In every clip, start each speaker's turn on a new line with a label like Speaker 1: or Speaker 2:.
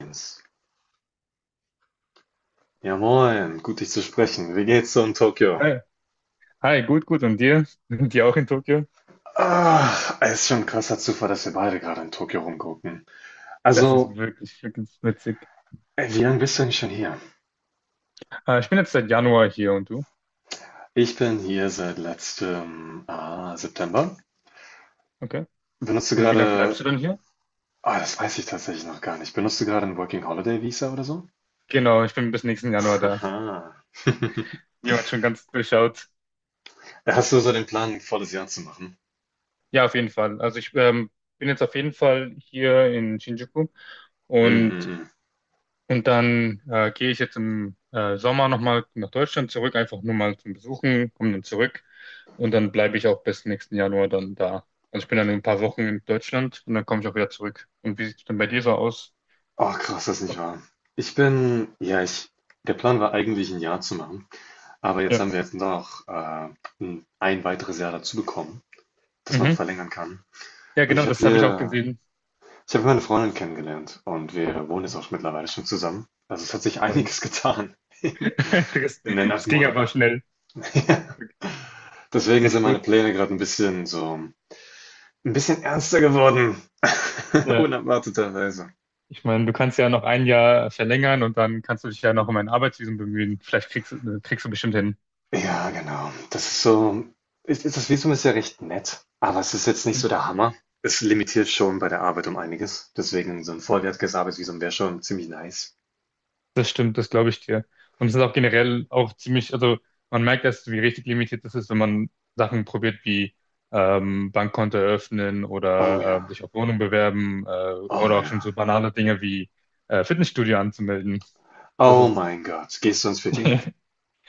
Speaker 1: Jens. Ja moin, gut dich zu sprechen. Wie geht's so in Tokio?
Speaker 2: Hi, hi, gut, gut. Und dir? Dir auch in Tokio?
Speaker 1: Es ist schon ein krasser Zufall, dass wir beide gerade in Tokio rumgucken.
Speaker 2: Das ist
Speaker 1: Also,
Speaker 2: wirklich, wirklich witzig.
Speaker 1: Wie lange bist du eigentlich schon hier?
Speaker 2: Ich bin jetzt seit Januar hier und du?
Speaker 1: Ich bin hier seit letztem September.
Speaker 2: Okay.
Speaker 1: Benutzt du
Speaker 2: Und wie lange
Speaker 1: gerade,
Speaker 2: bleibst du denn hier?
Speaker 1: ah, Das weiß ich tatsächlich noch gar nicht. Benutzt du gerade ein Working Holiday Visa oder so?
Speaker 2: Genau, ich bin bis nächsten Januar da.
Speaker 1: Haha.
Speaker 2: Jemand schon ganz durchschaut.
Speaker 1: Hast du so den Plan, ein volles Jahr zu machen?
Speaker 2: Ja, auf jeden Fall. Also ich bin jetzt auf jeden Fall hier in Shinjuku
Speaker 1: Mm, mm,
Speaker 2: und.
Speaker 1: mm.
Speaker 2: Und dann gehe ich jetzt im Sommer nochmal nach Deutschland zurück, einfach nur mal zum Besuchen, komme dann zurück und dann bleibe ich auch bis nächsten Januar dann da. Also ich bin dann in ein paar Wochen in Deutschland und dann komme ich auch wieder zurück. Und wie sieht es denn bei dir so aus?
Speaker 1: Oh, krass, das ist nicht wahr. Ich, der Plan war eigentlich ein Jahr zu machen. Aber jetzt
Speaker 2: Ja,
Speaker 1: haben wir jetzt noch ein weiteres Jahr dazu bekommen, das man noch
Speaker 2: mhm.
Speaker 1: verlängern kann.
Speaker 2: Ja,
Speaker 1: Und
Speaker 2: genau,
Speaker 1: ich habe
Speaker 2: das habe ich auch
Speaker 1: hier,
Speaker 2: gesehen.
Speaker 1: ich habe meine Freundin kennengelernt und wir wohnen jetzt auch mittlerweile schon zusammen. Also es hat sich
Speaker 2: Moin.
Speaker 1: einiges getan
Speaker 2: Das,
Speaker 1: in den acht
Speaker 2: das ging
Speaker 1: Monaten.
Speaker 2: aber schnell.
Speaker 1: Deswegen sind
Speaker 2: Echt
Speaker 1: meine
Speaker 2: gut.
Speaker 1: Pläne gerade ein bisschen so, ein bisschen ernster geworden,
Speaker 2: Ja.
Speaker 1: unerwarteterweise.
Speaker 2: Ich meine, du kannst ja noch ein Jahr verlängern und dann kannst du dich ja noch um ein Arbeitsvisum bemühen. Kriegst du bestimmt hin.
Speaker 1: Ja, genau. Das ist so, es ist, das Visum ist ja recht nett, aber es ist jetzt nicht so der Hammer. Es limitiert schon bei der Arbeit um einiges. Deswegen so 'n vollwertiges Arbeitsvisum wäre schon ziemlich nice.
Speaker 2: Das stimmt, das glaube ich dir. Und es ist auch generell auch ziemlich, also man merkt erst, wie richtig limitiert das ist, wenn man Sachen probiert wie Bankkonto eröffnen
Speaker 1: Oh ja,
Speaker 2: oder sich auf Wohnung bewerben
Speaker 1: oh
Speaker 2: oder auch schon
Speaker 1: ja.
Speaker 2: so banale Dinge wie Fitnessstudio anzumelden. Das
Speaker 1: Oh
Speaker 2: ist,
Speaker 1: mein Gott, gehst du ins Fitti?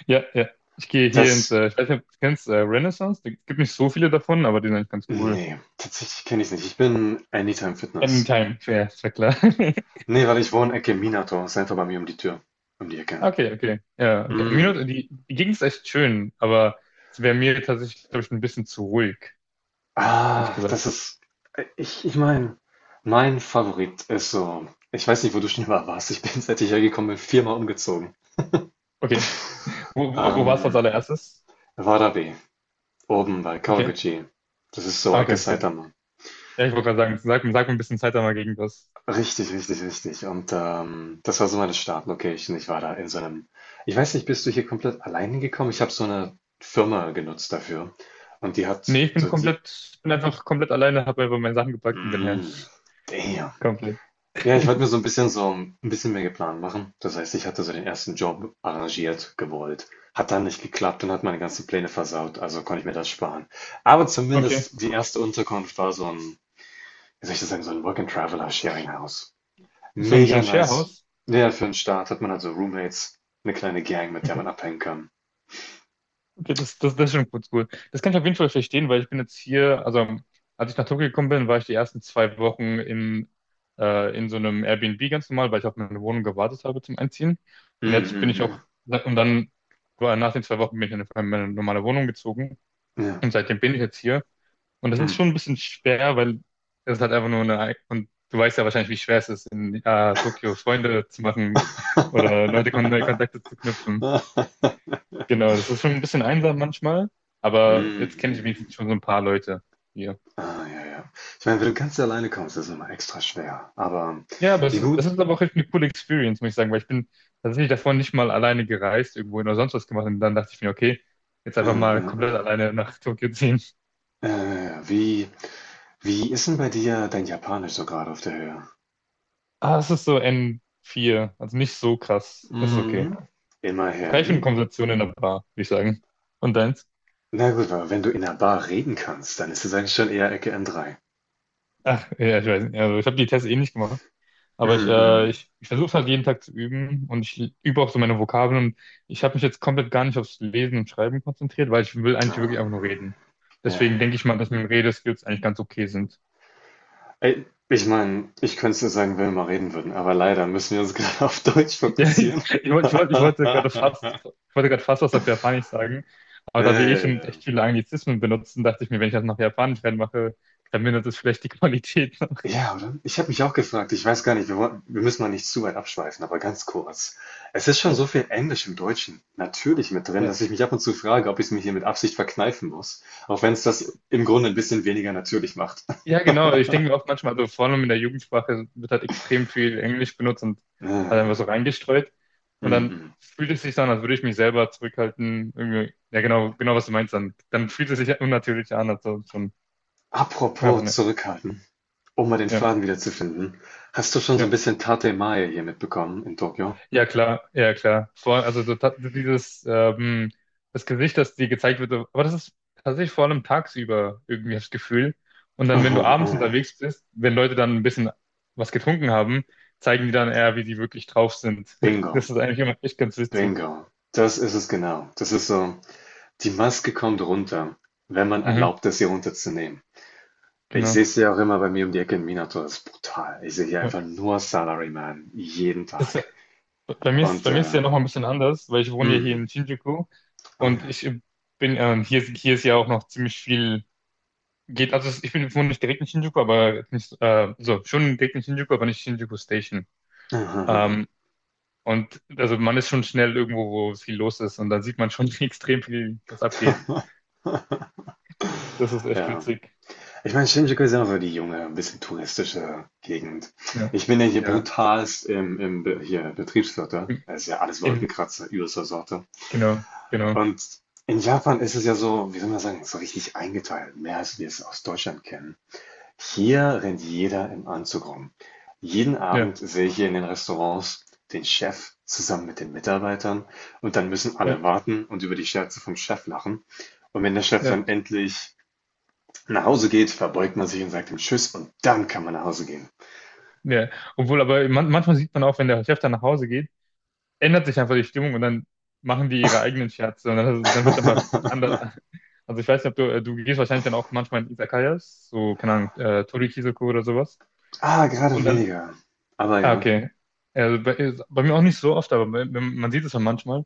Speaker 2: ja, ja. Ich gehe hier ins,
Speaker 1: Das,
Speaker 2: ich weiß nicht, ob du kennst, Renaissance. Es gibt nicht so viele davon, aber die sind eigentlich ganz cool.
Speaker 1: ne, tatsächlich kenne ich es nicht. Ich bin Anytime Fitness.
Speaker 2: Anytime, fair, ist ja klar.
Speaker 1: Ne, weil ich wohne Ecke Minato, ist einfach bei mir um die Tür um die Ecke.
Speaker 2: Okay, okay. Ja, okay.
Speaker 1: Mm.
Speaker 2: Minot, die, die Gegend ist echt schön, aber es wäre mir tatsächlich, glaube ich, ein bisschen zu ruhig, hätte
Speaker 1: Ah,
Speaker 2: ich gesagt.
Speaker 1: das ist ich ich meine, mein Favorit ist so, ich weiß nicht, wo du schon immer warst. Ich bin, seit ich hergekommen bin, viermal umgezogen.
Speaker 2: Okay. Wo warst du als
Speaker 1: Ähm,
Speaker 2: allererstes?
Speaker 1: Warabe, oben bei
Speaker 2: Okay.
Speaker 1: Kawaguchi. Das ist so
Speaker 2: Ah, okay,
Speaker 1: Ecke
Speaker 2: okay.
Speaker 1: Saitama.
Speaker 2: Ja, ich wollte gerade sagen, sag mir ein bisschen Zeit einmal gegen das.
Speaker 1: Richtig, richtig, richtig. Und das war so meine Startlocation. Ich war da in so einem. Ich weiß nicht, bist du hier komplett allein hingekommen? Ich habe so eine Firma genutzt dafür. Und die
Speaker 2: Nee,
Speaker 1: hat so die.
Speaker 2: bin einfach komplett alleine, habe einfach meine Sachen gepackt und bin her.
Speaker 1: Mm, damn.
Speaker 2: Komplett.
Speaker 1: Ja, ich wollte mir so ein bisschen, so ein bisschen mehr geplant machen. Das heißt, ich hatte so den ersten Job arrangiert, gewollt. Hat dann nicht geklappt und hat meine ganzen Pläne versaut, also konnte ich mir das sparen. Aber
Speaker 2: Okay.
Speaker 1: zumindest die erste Unterkunft war so ein, wie soll ich das sagen, so ein Work-and-Traveler-Sharing-House.
Speaker 2: So
Speaker 1: Mega
Speaker 2: ein
Speaker 1: nice.
Speaker 2: Sharehouse?
Speaker 1: Ja, für 'n Start hat man also Roommates, eine kleine Gang, mit der man abhängen kann.
Speaker 2: Okay, das ist schon kurz gut. Das kann ich auf jeden Fall verstehen, weil ich bin jetzt hier, also als ich nach Tokio gekommen bin, war ich die ersten zwei Wochen in so einem Airbnb ganz normal, weil ich auf meine Wohnung gewartet habe zum Einziehen. Und
Speaker 1: Mhm,
Speaker 2: jetzt bin ich
Speaker 1: mhm,
Speaker 2: auch, und dann war nach den zwei Wochen bin ich in meine normale Wohnung gezogen.
Speaker 1: mhm. Ja,
Speaker 2: Und seitdem bin ich jetzt hier. Und das ist
Speaker 1: mhm.
Speaker 2: schon ein bisschen schwer, weil es halt einfach nur eine, und du weißt ja wahrscheinlich, wie schwer es ist, in Tokio Freunde zu machen oder Leute, Kon neue Kontakte zu knüpfen.
Speaker 1: Mhm,
Speaker 2: Genau, das ist schon ein bisschen einsam manchmal, aber
Speaker 1: mhm,
Speaker 2: jetzt kenne ich
Speaker 1: mhm.
Speaker 2: wenigstens schon so ein paar Leute hier.
Speaker 1: Ah, ja, ja. Ich meine, wenn du ganz alleine kommst, ist es immer extra schwer. Aber
Speaker 2: Ja, aber
Speaker 1: wie
Speaker 2: es
Speaker 1: gut,
Speaker 2: ist aber auch echt eine coole Experience, muss ich sagen, weil ich bin tatsächlich davor nicht mal alleine gereist, irgendwohin oder sonst was gemacht und dann dachte ich mir, okay, jetzt
Speaker 1: äh,
Speaker 2: einfach mal komplett
Speaker 1: äh,
Speaker 2: alleine nach Tokio ziehen.
Speaker 1: äh, äh, wie, wie ist denn bei dir dein Japanisch so gerade auf der Höhe?
Speaker 2: Ah, es ist so n vier, also nicht so krass. Das ist okay.
Speaker 1: Mhm.
Speaker 2: Frei für eine
Speaker 1: Immerhin.
Speaker 2: Konversation in der Bar, würde ich sagen. Und deins?
Speaker 1: Na gut, aber wenn du in einer Bar reden kannst, dann ist es eigentlich schon eher Ecke M3.
Speaker 2: Ach, ja, ich weiß nicht. Also ich habe die Tests eh nicht gemacht. Aber
Speaker 1: Mhm.
Speaker 2: ich versuche es halt jeden Tag zu üben und ich übe auch so meine Vokabeln und ich habe mich jetzt komplett gar nicht aufs Lesen und Schreiben konzentriert, weil ich will eigentlich wirklich einfach nur
Speaker 1: Ah,
Speaker 2: reden.
Speaker 1: ja,
Speaker 2: Deswegen denke ich
Speaker 1: ja.
Speaker 2: mal, dass meine Redeskills eigentlich ganz okay sind.
Speaker 1: Ey, ich meine, ich könnte es dir sagen, wenn wir mal reden würden, aber leider müssen wir uns gerade auf Deutsch
Speaker 2: Ja, ich,
Speaker 1: fokussieren.
Speaker 2: ich, wollte- ich, wollte- ich wollte gerade fast, ich wollte gerade fast was auf Japanisch sagen, aber
Speaker 1: Ja,
Speaker 2: da wir eh
Speaker 1: ja,
Speaker 2: schon
Speaker 1: ja.
Speaker 2: echt viele Anglizismen benutzen, dachte ich mir, wenn ich das nach Japanisch reinmache, dann mindert es vielleicht die Qualität.
Speaker 1: Ja, oder? Ich habe mich auch gefragt, ich weiß gar nicht, wir müssen mal nicht zu weit abschweifen, aber ganz kurz. Es ist schon so viel Englisch im Deutschen natürlich mit drin,
Speaker 2: Ja.
Speaker 1: dass ich mich ab und zu frage, ob ich es mir hier mit Absicht verkneifen muss, auch wenn es das im Grunde ein bisschen weniger natürlich macht.
Speaker 2: Ja, genau. Ich denke mir oft manchmal, also vor allem in der Jugendsprache wird halt extrem viel Englisch benutzt und halt einfach
Speaker 1: Äh,
Speaker 2: so reingestreut. Und dann
Speaker 1: mhm.
Speaker 2: fühlt es sich so an, als würde ich mich selber zurückhalten. Irgendwie, ja, genau, was du meinst. Dann fühlt es sich unnatürlich an, also schon, aber
Speaker 1: Apropos
Speaker 2: ne,
Speaker 1: zurückhalten, um mal den
Speaker 2: ja,
Speaker 1: Faden wieder zu finden. Hast du schon so ein
Speaker 2: ja.
Speaker 1: bisschen Tate Mae hier mitbekommen in Tokio?
Speaker 2: Ja, klar, ja, klar. Vor, dieses, das Gesicht, das dir gezeigt wird, so, aber das ist tatsächlich vor allem tagsüber irgendwie das Gefühl. Und dann, wenn
Speaker 1: Aha,
Speaker 2: du abends
Speaker 1: aha.
Speaker 2: unterwegs bist, wenn Leute dann ein bisschen was getrunken haben, zeigen die dann eher, wie die wirklich drauf sind.
Speaker 1: Bingo,
Speaker 2: Das ist eigentlich immer echt ganz witzig.
Speaker 1: bingo. Das ist es genau. Das ist so. Die Maske kommt runter, wenn man
Speaker 2: Mhm,
Speaker 1: erlaubt, es ihr runterzunehmen. Ich
Speaker 2: genau.
Speaker 1: sehe es ja auch immer bei mir um die Ecke in Minato. Das ist brutal. Ich sehe hier
Speaker 2: Ja.
Speaker 1: einfach nur Salaryman. Jeden
Speaker 2: Das,
Speaker 1: Tag.
Speaker 2: ist-
Speaker 1: Und,
Speaker 2: bei mir ist es ja noch mal ein bisschen anders, weil ich wohne ja hier
Speaker 1: mm,
Speaker 2: in Shinjuku
Speaker 1: oh
Speaker 2: und
Speaker 1: ja.
Speaker 2: ich bin, hier ist ja auch noch ziemlich viel. Geht, ich bin wohne nicht direkt in Shinjuku, aber jetzt nicht, so, schon direkt in Shinjuku, aber nicht Shinjuku Station. Ähm, und also man ist schon schnell irgendwo, wo viel los ist und dann sieht man schon extrem viel, was abgeht. Das ist echt
Speaker 1: Ja.
Speaker 2: witzig.
Speaker 1: Ich meine, Shinjuku ist ja so die junge, ein bisschen touristische Gegend.
Speaker 2: Ja.
Speaker 1: Ich bin ja hier
Speaker 2: Ja.
Speaker 1: brutalst hier, Betriebsviertel.
Speaker 2: Im,
Speaker 1: Das ist ja alles
Speaker 2: im-
Speaker 1: Wolkenkratzer, übelster Sorte.
Speaker 2: genau, genau.
Speaker 1: Und in Japan ist es ja so, wie soll man sagen, so richtig eingeteilt. Mehr als wir es aus Deutschland kennen. Hier rennt jeder im Anzug rum. Jeden
Speaker 2: Ja,
Speaker 1: Abend sehe ich hier in den Restaurants den Chef zusammen mit den Mitarbeitern und dann müssen
Speaker 2: ja,
Speaker 1: alle warten und über die Scherze vom Chef lachen. Und wenn der Chef
Speaker 2: ja,
Speaker 1: dann endlich nach Hause geht, verbeugt man sich und sagt ihm Tschüss und dann kann man nach Hause gehen.
Speaker 2: ja. Obwohl, aber man, manchmal sieht man auch, wenn der Chef dann nach Hause geht, ändert sich einfach die Stimmung und dann machen die ihre eigenen Scherze und dann wird es einfach anders. Also ich weiß nicht, ob du gehst wahrscheinlich dann auch manchmal in Izakayas, so, keine Ahnung, Torikizoku oder sowas.
Speaker 1: Ah, gerade
Speaker 2: Und dann,
Speaker 1: weniger. Aber
Speaker 2: ah,
Speaker 1: ja.
Speaker 2: okay. Also bei mir auch nicht so oft, aber man sieht es ja manchmal.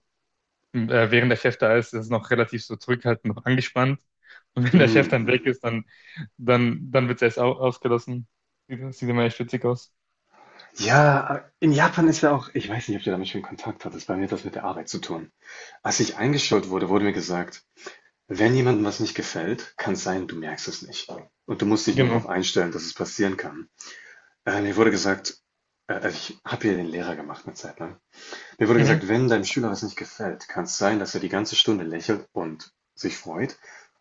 Speaker 2: Während der Chef da ist, ist es noch relativ so zurückhaltend, noch angespannt. Und wenn der Chef dann weg
Speaker 1: Mhm.
Speaker 2: ist, dann wird es erst au ausgelassen. Sieht immer echt witzig aus.
Speaker 1: Ja, in Japan ist ja auch, ich weiß nicht, ob du damit schon Kontakt hattest, bei mir hat das mit der Arbeit zu tun. Als ich eingestellt wurde, wurde mir gesagt, wenn jemandem was nicht gefällt, kann es sein, du merkst es nicht. Und du musst dich nur darauf
Speaker 2: Genau.
Speaker 1: einstellen, dass es passieren kann. Mir wurde gesagt, also ich habe hier den Lehrer gemacht eine Zeit lang. Mir wurde gesagt,
Speaker 2: Mhm.
Speaker 1: wenn deinem Schüler was nicht gefällt, kann es sein, dass er die ganze Stunde lächelt und sich freut.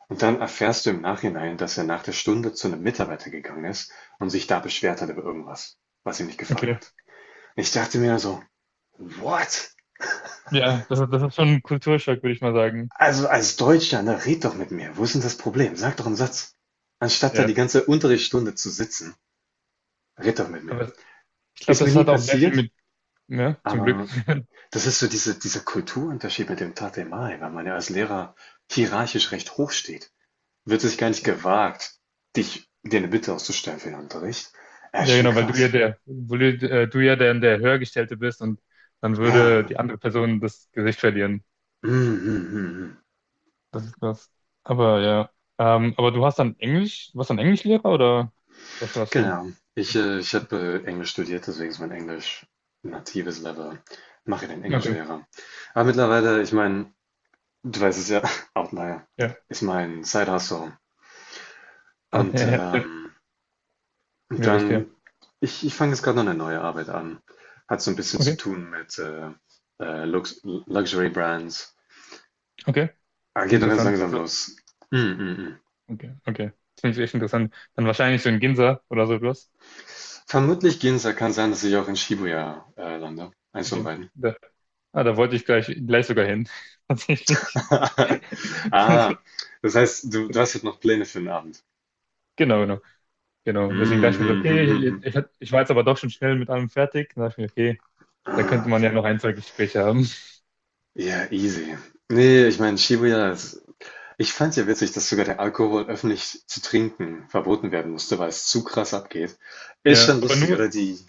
Speaker 1: Und dann erfährst du im Nachhinein, dass er nach der Stunde zu einem Mitarbeiter gegangen ist und sich da beschwert hat über irgendwas, was ihm nicht gefallen
Speaker 2: Okay.
Speaker 1: hat. Ich dachte mir so, what?
Speaker 2: Ja, das ist schon ein Kulturschock, würde ich mal sagen.
Speaker 1: Also als Deutscher, ne, red doch mit mir. Wo ist denn das Problem? Sag doch einen Satz. Anstatt da
Speaker 2: Ja.
Speaker 1: die ganze Unterrichtsstunde zu sitzen, red doch mit mir.
Speaker 2: Aber ich glaube,
Speaker 1: Ist mir
Speaker 2: das
Speaker 1: nie
Speaker 2: hat auch sehr viel
Speaker 1: passiert,
Speaker 2: mit, ja, zum Glück.
Speaker 1: aber das ist so dieser Kulturunterschied mit dem Tate Mai, weil man ja als Lehrer hierarchisch recht hoch steht, wird sich gar nicht gewagt, dich dir eine Bitte auszustellen für den Unterricht. Ja, ist
Speaker 2: Ja,
Speaker 1: schon
Speaker 2: genau,
Speaker 1: krass.
Speaker 2: du ja der Höhergestellte bist und dann
Speaker 1: Ja,
Speaker 2: würde
Speaker 1: ne?
Speaker 2: die andere Person das Gesicht verlieren.
Speaker 1: Mhm, mhm, mhm. Mhm.
Speaker 2: Das ist krass. Aber ja. Aber du hast dann Englisch, warst dann Englischlehrer oder was warst du?
Speaker 1: Genau. Ich habe Englisch studiert, deswegen ist mein Englisch ein natives Level. Mache den
Speaker 2: Okay,
Speaker 1: Englischlehrer. Aber mittlerweile, ich meine, du weißt es ja, Outlier
Speaker 2: ja.
Speaker 1: ist mein Side-Hustle.
Speaker 2: Ah,
Speaker 1: Und
Speaker 2: ja, ja,
Speaker 1: und
Speaker 2: ja, verstehe.
Speaker 1: dann, ich fange jetzt gerade noch eine neue Arbeit an. Hat so ein bisschen zu
Speaker 2: Okay,
Speaker 1: tun mit Lux Luxury Brands.
Speaker 2: okay,
Speaker 1: Ah, geht nur ganz
Speaker 2: interessant.
Speaker 1: langsam
Speaker 2: So,
Speaker 1: los. Mm, mm, mm.
Speaker 2: okay, okay. Das finde ich echt interessant. Dann wahrscheinlich so in Ginza oder so etwas.
Speaker 1: Vermutlich Ginza, kann sein, dass ich auch in Shibuya lande. Eins von
Speaker 2: Okay.
Speaker 1: beiden.
Speaker 2: Da, ah, da wollte ich gleich sogar hin. Tatsächlich.
Speaker 1: Ah, das heißt, du hast jetzt noch Pläne für den Abend.
Speaker 2: Genau, genau, genau. Deswegen dachte ich mir so, okay,
Speaker 1: Mhm.
Speaker 2: ich war jetzt aber doch schon schnell mit allem fertig. Dann dachte ich mir, okay, da
Speaker 1: Ah,
Speaker 2: könnte man
Speaker 1: okay.
Speaker 2: ja noch ein, zwei Gespräche haben.
Speaker 1: Ja, easy. Nee, ich meine, Shibuya ist. Ich fand's ja witzig, dass sogar der Alkohol öffentlich zu trinken verboten werden musste, weil es zu krass abgeht. Ist
Speaker 2: Ja,
Speaker 1: schon lustig, oder? Die.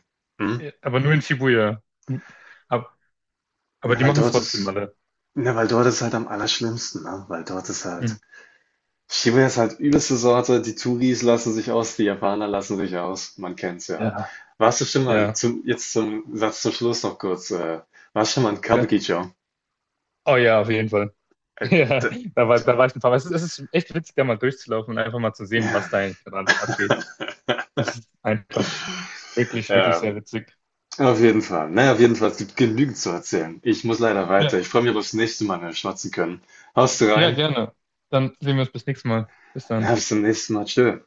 Speaker 1: Hm?
Speaker 2: aber nur in Shibuya. Hm. Aber, aber
Speaker 1: Ja,
Speaker 2: die
Speaker 1: weil
Speaker 2: machen es
Speaker 1: dort
Speaker 2: trotzdem
Speaker 1: ist.
Speaker 2: alle.
Speaker 1: Ja, weil dort ist halt am allerschlimmsten, ne? Weil dort ist
Speaker 2: Hm.
Speaker 1: halt. Shibuya ist halt übelste Sorte. Die Touris lassen sich aus, die Japaner lassen sich aus. Man kennt's ja.
Speaker 2: Ja.
Speaker 1: Warst du schon mal,
Speaker 2: Ja,
Speaker 1: zum, jetzt zum Satz zum Schluss noch kurz, warst schon mal in
Speaker 2: ja.
Speaker 1: Kabukicho?
Speaker 2: Oh ja, auf jeden Fall.
Speaker 1: Äh,
Speaker 2: Ja,
Speaker 1: d-
Speaker 2: da war ich ein paar Mal. Es ist echt witzig, da mal durchzulaufen und einfach mal zu sehen,
Speaker 1: ja,
Speaker 2: was da eigentlich gerade abgeht. Das ist einfach wirklich, wirklich
Speaker 1: ja,
Speaker 2: sehr witzig.
Speaker 1: auf jeden Fall. Naja, auf jeden Fall, es gibt genügend zu erzählen. Ich muss leider
Speaker 2: Ja,
Speaker 1: weiter. Ich freue mich, ob wir das nächste Mal mehr schwatzen können. Haust du
Speaker 2: ja,
Speaker 1: rein?
Speaker 2: gerne. Dann sehen wir uns bis nächstes Mal. Bis dann.
Speaker 1: Ja, bis zum nächsten Mal. Tschö.